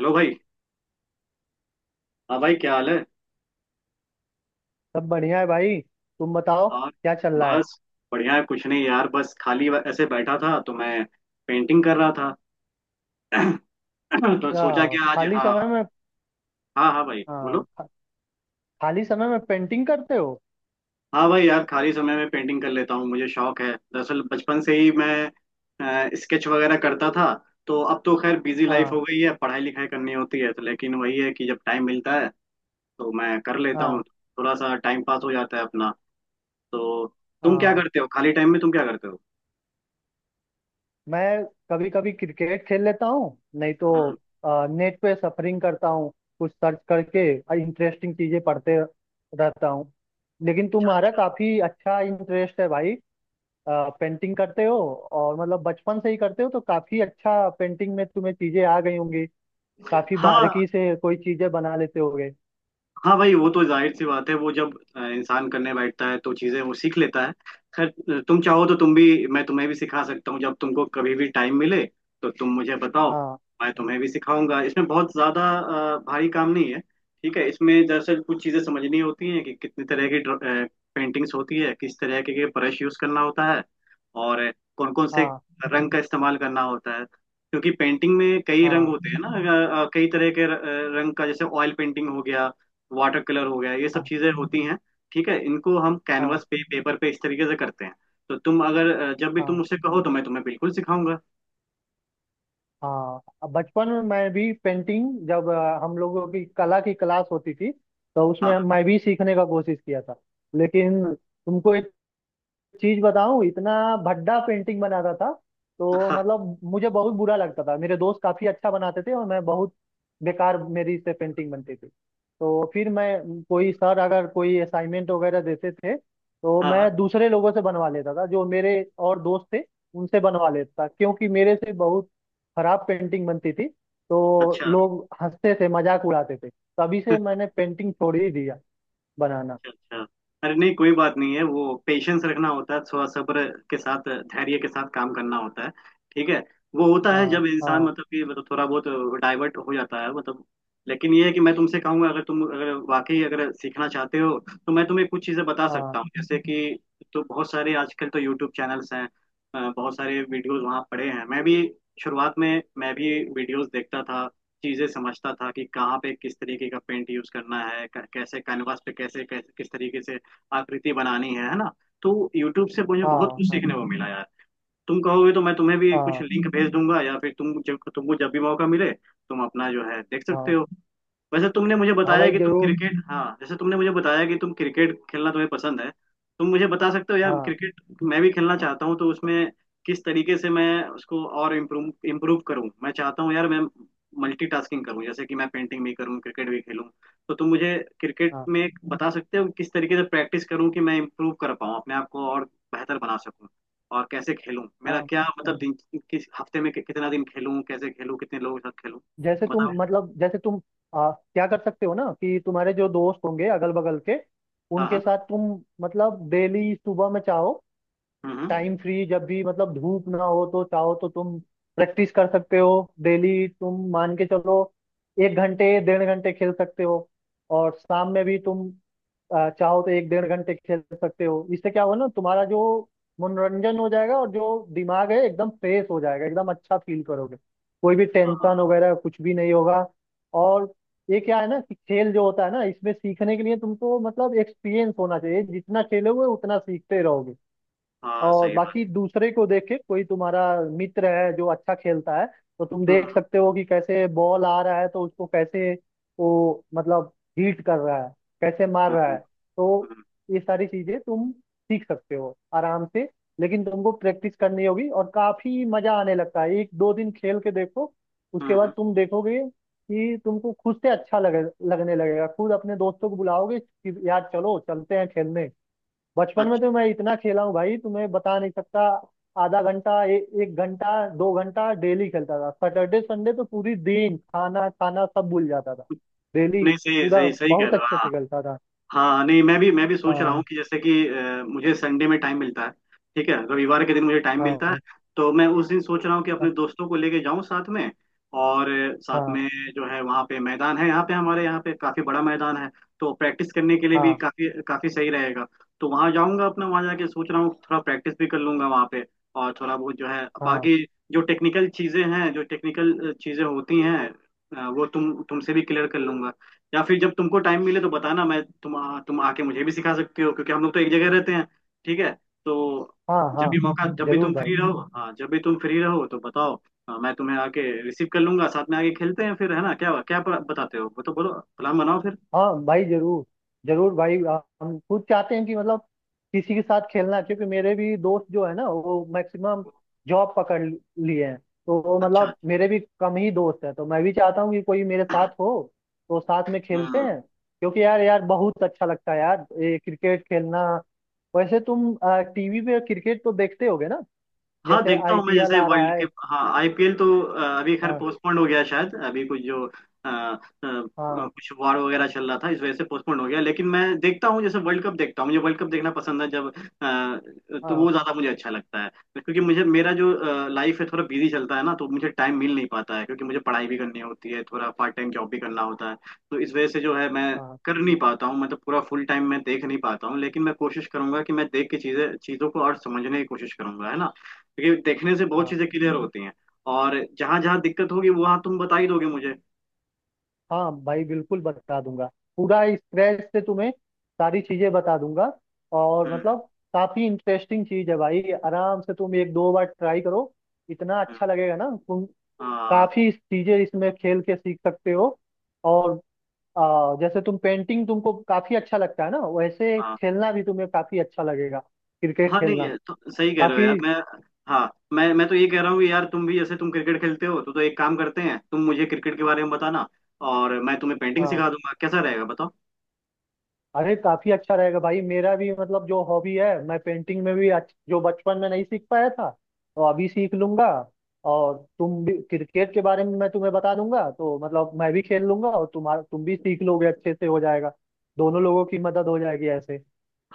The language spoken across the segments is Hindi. हेलो भाई। हाँ भाई, क्या हाल है? सब बढ़िया है भाई। तुम बताओ और क्या चल रहा है। बस बढ़िया है। कुछ नहीं यार, बस खाली ऐसे बैठा था तो मैं पेंटिंग कर रहा था। तो सोचा अच्छा, कि आज। खाली हाँ, समय में? हाँ, हाँ भाई हाँ बोलो। खाली समय में पेंटिंग करते हो? हाँ भाई, यार खाली समय में पेंटिंग कर लेता हूँ। मुझे शौक है, दरअसल बचपन से ही मैं स्केच वगैरह करता था। तो अब तो खैर बिजी लाइफ हाँ, हो गई है, पढ़ाई लिखाई करनी होती है तो, लेकिन वही है कि जब टाइम मिलता है तो मैं कर लेता हूँ। हाँ, थोड़ा सा टाइम पास हो जाता है अपना। तो तुम क्या हाँ। करते हो खाली टाइम में? तुम क्या करते हो मैं कभी कभी क्रिकेट खेल लेता हूँ, नहीं तो हम्म, नेट पे सफरिंग करता हूँ, कुछ सर्च करके इंटरेस्टिंग चीजें पढ़ते रहता हूँ। लेकिन अच्छा, तुम्हारा अच्छा। काफी अच्छा इंटरेस्ट है भाई। पेंटिंग करते हो और मतलब बचपन से ही करते हो, तो काफी अच्छा पेंटिंग में तुम्हें चीजें आ गई होंगी, काफी हाँ बारीकी से कोई चीजें बना लेते होगे। हाँ भाई, वो तो जाहिर सी बात है। वो जब इंसान करने बैठता है तो चीजें वो सीख लेता है। खैर तुम चाहो तो तुम्हें भी सिखा सकता हूँ। जब तुमको कभी भी टाइम मिले तो तुम मुझे बताओ। हाँ, मैं तुम्हें भी सिखाऊंगा, इसमें बहुत ज्यादा भारी काम नहीं है। ठीक है, इसमें दरअसल कुछ चीजें समझनी होती हैं कि कितनी तरह की पेंटिंग्स होती है, किस तरह के ब्रश यूज करना होता है, और कौन कौन से हाँ, रंग का इस्तेमाल करना होता है। क्योंकि पेंटिंग में कई रंग हाँ, होते हैं ना। कई तरह के रंग का, जैसे ऑयल पेंटिंग हो गया, वाटर कलर हो गया, ये सब हाँ, चीजें होती हैं। ठीक है, इनको हम हाँ, कैनवस पे, पेपर पे इस तरीके से करते हैं। तो तुम अगर, जब भी तुम हाँ। मुझसे कहो तो मैं तुम्हें बिल्कुल सिखाऊंगा। हाँ, अब बचपन में मैं भी पेंटिंग, जब हम लोगों की कला की क्लास होती थी, तो हाँ, उसमें मैं भी सीखने का कोशिश किया था। लेकिन तुमको एक चीज बताऊं, इतना भद्दा पेंटिंग बनाता था, हाँ, तो हाँ, मतलब मुझे बहुत बुरा लगता था। मेरे दोस्त काफी अच्छा बनाते थे और मैं बहुत बेकार, मेरी से पेंटिंग बनती थी। तो फिर मैं कोई सर अगर कोई असाइनमेंट वगैरह देते थे तो हाँ, हाँ। मैं दूसरे लोगों से बनवा लेता था, जो मेरे और दोस्त थे उनसे बनवा लेता था, क्योंकि मेरे से बहुत खराब पेंटिंग बनती थी। तो अच्छा, लोग हंसते थे, मजाक उड़ाते थे। तभी से मैंने पेंटिंग छोड़ ही दिया बनाना। अच्छा, अच्छा। अरे नहीं, कोई बात नहीं है। वो पेशेंस रखना होता है, थोड़ा सब्र के साथ, धैर्य के साथ काम करना होता है। ठीक है, वो होता है हाँ, जब इंसान हाँ, मतलब कि मतलब थोड़ा बहुत डाइवर्ट हो जाता है, मतलब। लेकिन ये है कि मैं तुमसे कहूंगा, अगर तुम अगर वाकई अगर सीखना चाहते हो, तो मैं तुम्हें कुछ चीजें बता हाँ, सकता हूँ, जैसे कि तो बहुत सारे आजकल तो यूट्यूब चैनल्स हैं। बहुत सारे वीडियोस वहाँ पड़े हैं। मैं भी शुरुआत में, मैं भी वीडियोस देखता था, चीजें समझता था कि कहाँ पे किस तरीके का पेंट यूज करना है, कैसे कैनवास पे कैसे, किस तरीके से आकृति बनानी है ना। तो यूट्यूब से मुझे बहुत हाँ, कुछ हाँ, सीखने को मिला यार। तुम कहोगे तो मैं तुम्हें भी कुछ हाँ, लिंक भेज दूंगा, या फिर तुमको जब भी मौका मिले, तुम अपना जो है देख सकते हाँ। हो। वैसे तुमने मुझे हाँ बताया भाई, कि तुम जरूर। क्रिकेट, हाँ जैसे तुमने मुझे बताया कि तुम क्रिकेट खेलना तुम्हें पसंद है। तुम मुझे बता सकते हो यार, हाँ, क्रिकेट मैं भी खेलना चाहता हूँ। तो उसमें किस तरीके से मैं उसको और इम्प्रूव इम्प्रूव करूँ। मैं चाहता हूँ यार, मैं मल्टीटास्किंग करूँ, जैसे कि मैं पेंटिंग भी करूँ, क्रिकेट भी खेलूँ। तो तुम मुझे क्रिकेट हाँ, में बता सकते हो किस तरीके से प्रैक्टिस करूँ कि मैं इम्प्रूव कर पाऊँ अपने आप को और बेहतर बना सकूँ। और कैसे खेलूँ, मेरा हाँ। क्या मतलब दिन, किस हफ्ते में कितना दिन खेलूँ, कैसे खेलूँ, कितने लोगों के साथ खेलूँ, जैसे तुम बताओ। मतलब जैसे तुम क्या कर सकते हो ना, कि तुम्हारे जो दोस्त होंगे अगल बगल के, हाँ, उनके हाँ। साथ तुम मतलब डेली सुबह में चाहो, हम्म, टाइम फ्री जब भी मतलब धूप ना हो तो चाहो तो तुम प्रैक्टिस कर सकते हो। डेली तुम मान के चलो, एक घंटे डेढ़ घंटे खेल सकते हो, और शाम में भी तुम चाहो तो एक डेढ़ घंटे खेल सकते हो। इससे क्या होगा ना, तुम्हारा जो मनोरंजन हो जाएगा, और जो दिमाग है एकदम फ्रेश हो जाएगा, एकदम अच्छा फील करोगे, कोई भी टेंशन हाँ, वगैरह कुछ भी नहीं होगा। और ये क्या है ना, कि खेल जो होता है ना, इसमें सीखने के लिए तुमको मतलब एक्सपीरियंस होना चाहिए, जितना खेलोगे उतना सीखते रहोगे। हाँ और सही बात। बाकी दूसरे को देख के, कोई तुम्हारा मित्र है जो अच्छा खेलता है, तो तुम देख हम्म, सकते हो कि कैसे बॉल आ रहा है, तो उसको कैसे वो मतलब हीट कर रहा है, कैसे मार हम्म, रहा है। तो हम्म, ये सारी चीजें तुम सीख सकते हो आराम से, लेकिन तुमको प्रैक्टिस करनी होगी और काफी मजा आने लगता है। एक दो दिन खेल के देखो, उसके बाद हम्म। तुम देखोगे कि तुमको खुद से अच्छा लगे, लगने लगेगा, खुद अपने दोस्तों को बुलाओगे कि यार चलो चलते हैं खेलने। बचपन में अच्छा। तो मैं इतना खेला हूँ भाई, तुम्हें बता नहीं सकता। आधा घंटा, एक घंटा दो घंटा डेली खेलता था, सैटरडे संडे तो पूरी दिन खाना खाना सब भूल जाता था। डेली नहीं, सही पूरा सही सही कह बहुत रहे हो, अच्छे हाँ। से खेलता था। हाँ नहीं, मैं भी सोच रहा हूँ हाँ, कि जैसे कि मुझे संडे में टाइम मिलता है। ठीक है, रविवार के दिन मुझे टाइम मिलता है। हाँ, तो मैं उस दिन सोच रहा हूँ कि अपने हाँ, दोस्तों को लेके जाऊँ साथ में। और साथ हाँ, में जो है, वहाँ पे मैदान है, यहाँ पे हमारे यहाँ पे काफी बड़ा मैदान है। तो प्रैक्टिस करने के लिए भी हाँ, काफी काफी सही रहेगा। तो वहाँ जाऊँगा अपना, वहाँ जाके सोच रहा हूँ थोड़ा प्रैक्टिस भी कर लूंगा वहाँ पे। और थोड़ा बहुत जो है हाँ, बाकी, जो टेक्निकल चीजें होती हैं, वो तुमसे भी क्लियर कर लूंगा। या फिर जब तुमको टाइम मिले तो बताना, तुम आके मुझे भी सिखा सकते हो, क्योंकि हम लोग तो एक जगह रहते हैं। ठीक है, तो हाँ, जब हाँ। भी मौका, जब भी जरूर तुम भाई। फ्री रहो, हाँ जब भी तुम फ्री रहो तो बताओ। हाँ, मैं तुम्हें आके रिसीव कर लूंगा, साथ में आके खेलते हैं फिर, है ना? क्या क्या बताते हो वो तो बोलो, प्लान बनाओ फिर। हाँ भाई, जरूर। जरूर भाई। हम खुद चाहते हैं कि मतलब किसी के साथ खेलना, क्योंकि मेरे भी दोस्त जो है ना, वो मैक्सिमम जॉब लिए हैं। तो वो अच्छा। मतलब मेरे भी कम ही दोस्त हैं, तो मैं भी चाहता हूँ कि कोई मेरे साथ हो। तो साथ में खेलते हम्म। हैं, क्योंकि यार यार बहुत अच्छा लगता है यार, ये क्रिकेट खेलना। वैसे तुम टीवी पे क्रिकेट तो देखते होगे ना? हाँ जैसे देखता हूँ मैं, आईपीएल जैसे आ वर्ल्ड रहा के, है। हाँ आईपीएल तो अभी खैर हाँ, पोस्टपोन्ड हो गया, शायद अभी कुछ जो हाँ, कुछ वार वगैरह चल रहा था, इस वजह से पोस्टपोन्ड हो गया। लेकिन मैं देखता हूँ, जैसे वर्ल्ड कप देखता हूँ, मुझे वर्ल्ड कप देखना पसंद है। जब तो हाँ, वो ज़्यादा मुझे अच्छा लगता है। क्योंकि मुझे मेरा जो लाइफ है थोड़ा बिजी चलता है ना, तो मुझे टाइम मिल नहीं पाता है। क्योंकि मुझे पढ़ाई भी करनी होती है, थोड़ा पार्ट टाइम जॉब भी करना होता है, तो इस वजह से जो है मैं हाँ, कर नहीं पाता हूँ। मतलब पूरा फुल टाइम मैं देख नहीं पाता हूँ। लेकिन मैं कोशिश करूंगा कि मैं देख के चीजें चीजों को और समझने की कोशिश करूंगा, है ना। क्योंकि देखने से बहुत हाँ। चीजें क्लियर होती हैं। और जहां जहां दिक्कत होगी वहां तुम बता ही दोगे मुझे। हाँ भाई, बिल्कुल बता दूंगा। पूरा स्क्रैच से तुम्हें सारी चीजें बता दूंगा। और हम्म, मतलब काफी इंटरेस्टिंग चीज है भाई, आराम से तुम एक दो बार ट्राई करो, इतना हम्म। अच्छा लगेगा ना, तुम हाँ, काफी चीजें इसमें खेल के सीख सकते हो। और जैसे तुम पेंटिंग तुमको काफी अच्छा लगता है ना, वैसे हाँ। खेलना भी तुम्हें काफी अच्छा लगेगा, क्रिकेट हाँ नहीं, खेलना। ये तो सही कह रहे हो यार। बाकी मैं, हाँ, मैं तो ये कह रहा हूँ कि यार तुम भी जैसे तुम क्रिकेट खेलते हो तो एक काम करते हैं, तुम मुझे क्रिकेट के बारे में बताना, और मैं तुम्हें पेंटिंग हाँ, सिखा दूंगा। कैसा रहेगा बताओ। अरे काफी अच्छा रहेगा भाई। मेरा भी मतलब जो हॉबी है, मैं पेंटिंग में भी जो बचपन में नहीं सीख पाया था तो अभी सीख लूंगा, और तुम भी क्रिकेट के बारे में मैं तुम्हें बता दूंगा, तो मतलब मैं भी खेल लूंगा और तुम्हारा तुम भी सीख लोगे, अच्छे से हो जाएगा, दोनों लोगों की मदद हो जाएगी ऐसे।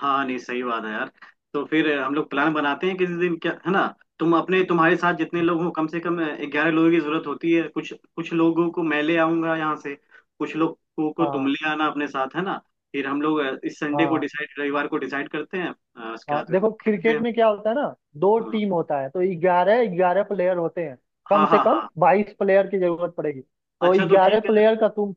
हाँ नहीं सही बात है यार। तो फिर हम लोग प्लान बनाते हैं किसी दिन, क्या है ना तुम अपने, तुम्हारे साथ जितने लोग हो कम से कम ग्यारह लोगों की जरूरत होती है। कुछ कुछ लोगों को मैं ले आऊंगा यहाँ से, कुछ लोगों को तुम हाँ, ले आना अपने साथ, है ना। फिर हम लोग इस संडे को हाँ, डिसाइड, रविवार को डिसाइड करते हैं। उसके हाँ। बाद फिर हम देखो, खेलते क्रिकेट हैं। में क्या होता है ना, दो हाँ, टीम होता है तो 11-11 प्लेयर होते हैं। कम हाँ, से हाँ, कम हाँ। 22 प्लेयर की जरूरत पड़ेगी, तो अच्छा तो ग्यारह ठीक है। प्लेयर का तुम।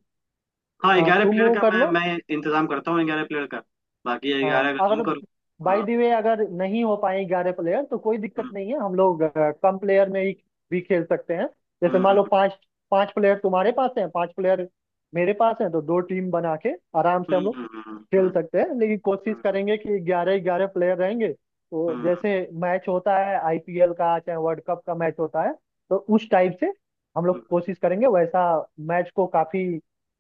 हाँ, हाँ, ग्यारह तुम प्लेयर वो का कर लो। मैं इंतजाम करता हूँ ग्यारह प्लेयर का। बाकी ग्यारह हाँ, का तुम अगर करो। बाय हाँ। द वे अगर नहीं हो पाए 11 प्लेयर, तो कोई दिक्कत हम्म, नहीं है, हम लोग कम प्लेयर में ही भी खेल सकते हैं। जैसे मान हम्म, लो पांच पांच प्लेयर तुम्हारे पास हैं, पांच प्लेयर मेरे पास हैं, तो दो टीम बना के आराम से हम्म, हम लोग हम्म, हम्म, हम्म, खेल सकते हैं। लेकिन कोशिश हम्म, करेंगे कि 11-11 प्लेयर रहेंगे, तो हम्म, जैसे मैच होता है आईपीएल का, चाहे वर्ल्ड कप का मैच होता है, तो उस टाइप से हम लोग हम्म। कोशिश करेंगे वैसा मैच को, काफी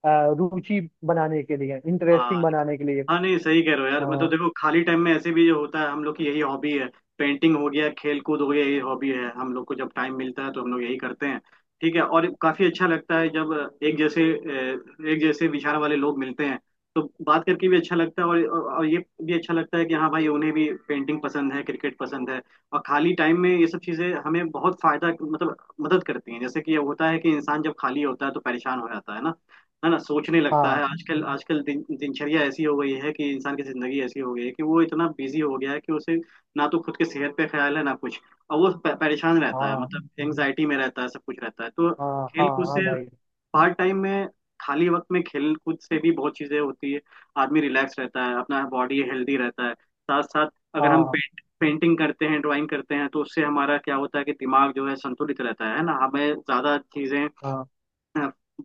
रुचि बनाने के लिए, हाँ, इंटरेस्टिंग बनाने के लिए। हाँ नहीं सही कह रहे हो यार। मतलब अ, देखो, खाली टाइम में ऐसे भी जो होता है, हम लोग की यही हॉबी है। पेंटिंग हो गया, खेल कूद हो गया, यही हॉबी है हम लोग को। जब टाइम मिलता है तो हम लोग यही करते हैं। ठीक है, और काफी अच्छा लगता है जब एक जैसे एक जैसे विचार वाले लोग मिलते हैं, तो बात करके भी अच्छा लगता है। और ये भी अच्छा लगता है कि हाँ भाई, उन्हें भी पेंटिंग पसंद है, क्रिकेट पसंद है। और खाली टाइम में ये सब चीजें हमें बहुत फायदा मतलब मदद करती हैं। जैसे कि ये होता है कि इंसान जब खाली होता है तो परेशान हो जाता है ना, है ना, सोचने लगता हाँ, है। आजकल आजकल दिनचर्या ऐसी हो गई है, कि इंसान की जिंदगी ऐसी हो गई है कि वो इतना बिजी हो गया है कि उसे ना तो खुद की सेहत पे ख्याल है, ना कुछ। और वो परेशान रहता है, हाँ, मतलब एंजाइटी में रहता है, सब कुछ रहता है। तो हाँ, हाँ, खेल कूद हाँ से, भाई। पार्ट टाइम में, खाली वक्त में, खेल कूद से भी बहुत चीजें होती है। आदमी रिलैक्स रहता है, अपना बॉडी हेल्दी रहता है, साथ साथ अगर हम हाँ, पेंटिंग करते हैं, ड्राइंग करते हैं, तो उससे हमारा क्या होता है कि दिमाग जो है संतुलित रहता है ना। हमें ज्यादा चीजें, हाँ,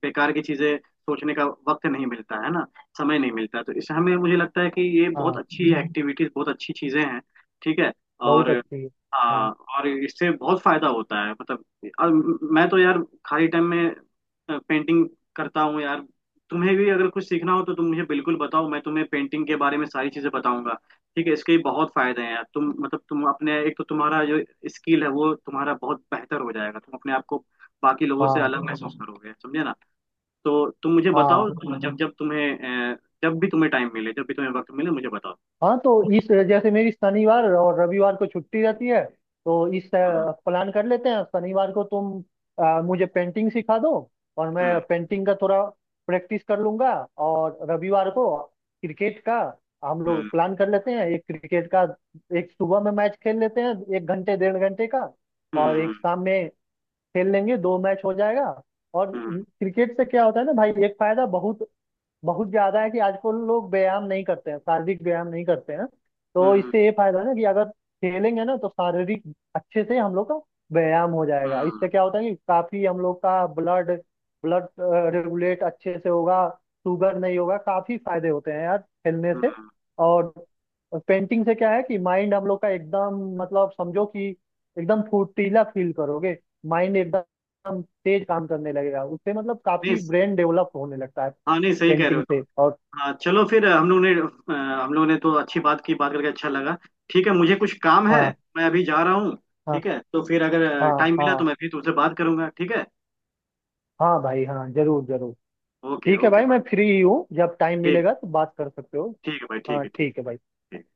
बेकार की चीजें सोचने का वक्त नहीं मिलता है ना, समय नहीं मिलता। तो इस हमें मुझे लगता है कि ये बहुत हाँ। अच्छी एक्टिविटीज, बहुत अच्छी चीजें हैं। ठीक है। बहुत और अच्छी है। हाँ, हाँ, और इससे बहुत फायदा होता है मतलब। अब मैं तो यार खाली टाइम में पेंटिंग करता हूँ यार। तुम्हें भी अगर कुछ सीखना हो तो तुम मुझे बिल्कुल बताओ, मैं तुम्हें पेंटिंग के बारे में सारी चीजें बताऊंगा। ठीक है, इसके बहुत फायदे हैं यार। तुम मतलब तुम अपने, एक तो तुम्हारा जो स्किल है वो तुम्हारा बहुत बेहतर हो जाएगा, तुम अपने आप को बाकी लोगों से हाँ, अलग महसूस करोगे, समझे ना। तो तुम मुझे हाँ, बताओ, जब जब तुम्हें जब भी तुम्हें टाइम मिले, जब भी तुम्हें वक्त मिले, मुझे बताओ। हाँ। तो इस, जैसे मेरी शनिवार और रविवार को छुट्टी रहती है, तो इस हम्म, प्लान कर लेते हैं, शनिवार को तुम मुझे पेंटिंग सिखा दो और हम्म, मैं पेंटिंग का थोड़ा प्रैक्टिस कर लूंगा। और रविवार को क्रिकेट का हम हम्म, लोग प्लान कर लेते हैं, एक क्रिकेट का एक सुबह में मैच खेल लेते हैं, एक घंटे डेढ़ घंटे का, और एक हम्म, शाम में खेल लेंगे, दो मैच हो जाएगा। और हम्म, क्रिकेट से क्या होता है ना भाई, एक फायदा बहुत बहुत ज्यादा है, कि आजकल लोग व्यायाम नहीं करते हैं, शारीरिक व्यायाम नहीं करते हैं। तो हम्म, इससे ये फायदा है ना कि अगर खेलेंगे ना, तो शारीरिक अच्छे से हम लोग का व्यायाम हो जाएगा। हम्म, इससे क्या होता है कि काफी हम लोग का ब्लड ब्लड रेगुलेट अच्छे से होगा, शुगर नहीं होगा, काफी फायदे होते हैं यार खेलने से। हम्म। और पेंटिंग से क्या है कि माइंड हम लोग का एकदम मतलब समझो कि एकदम फुर्तीला फील करोगे, माइंड एकदम तेज काम करने लगेगा, उससे मतलब नहीं, काफी ब्रेन डेवलप होने लगता है हाँ नहीं सही कह रहे हो पेंटिंग से। तुम। और हाँ चलो फिर, हम लोग ने तो अच्छी बात की, बात करके अच्छा लगा। ठीक है, मुझे कुछ काम है, हाँ, मैं अभी जा रहा हूँ। हाँ, ठीक है, तो फिर अगर हाँ, टाइम मिला तो हाँ, मैं फिर तुमसे बात करूंगा, ठीक है। हाँ भाई, हाँ, जरूर जरूर। ओके, ठीक है ओके भाई, भाई। मैं फ्री ही हूँ, जब टाइम ठीक, मिलेगा तो बात कर सकते हो। ठीक है भाई, ठीक हाँ, है, ठीक, ठीक है भाई। ठीक।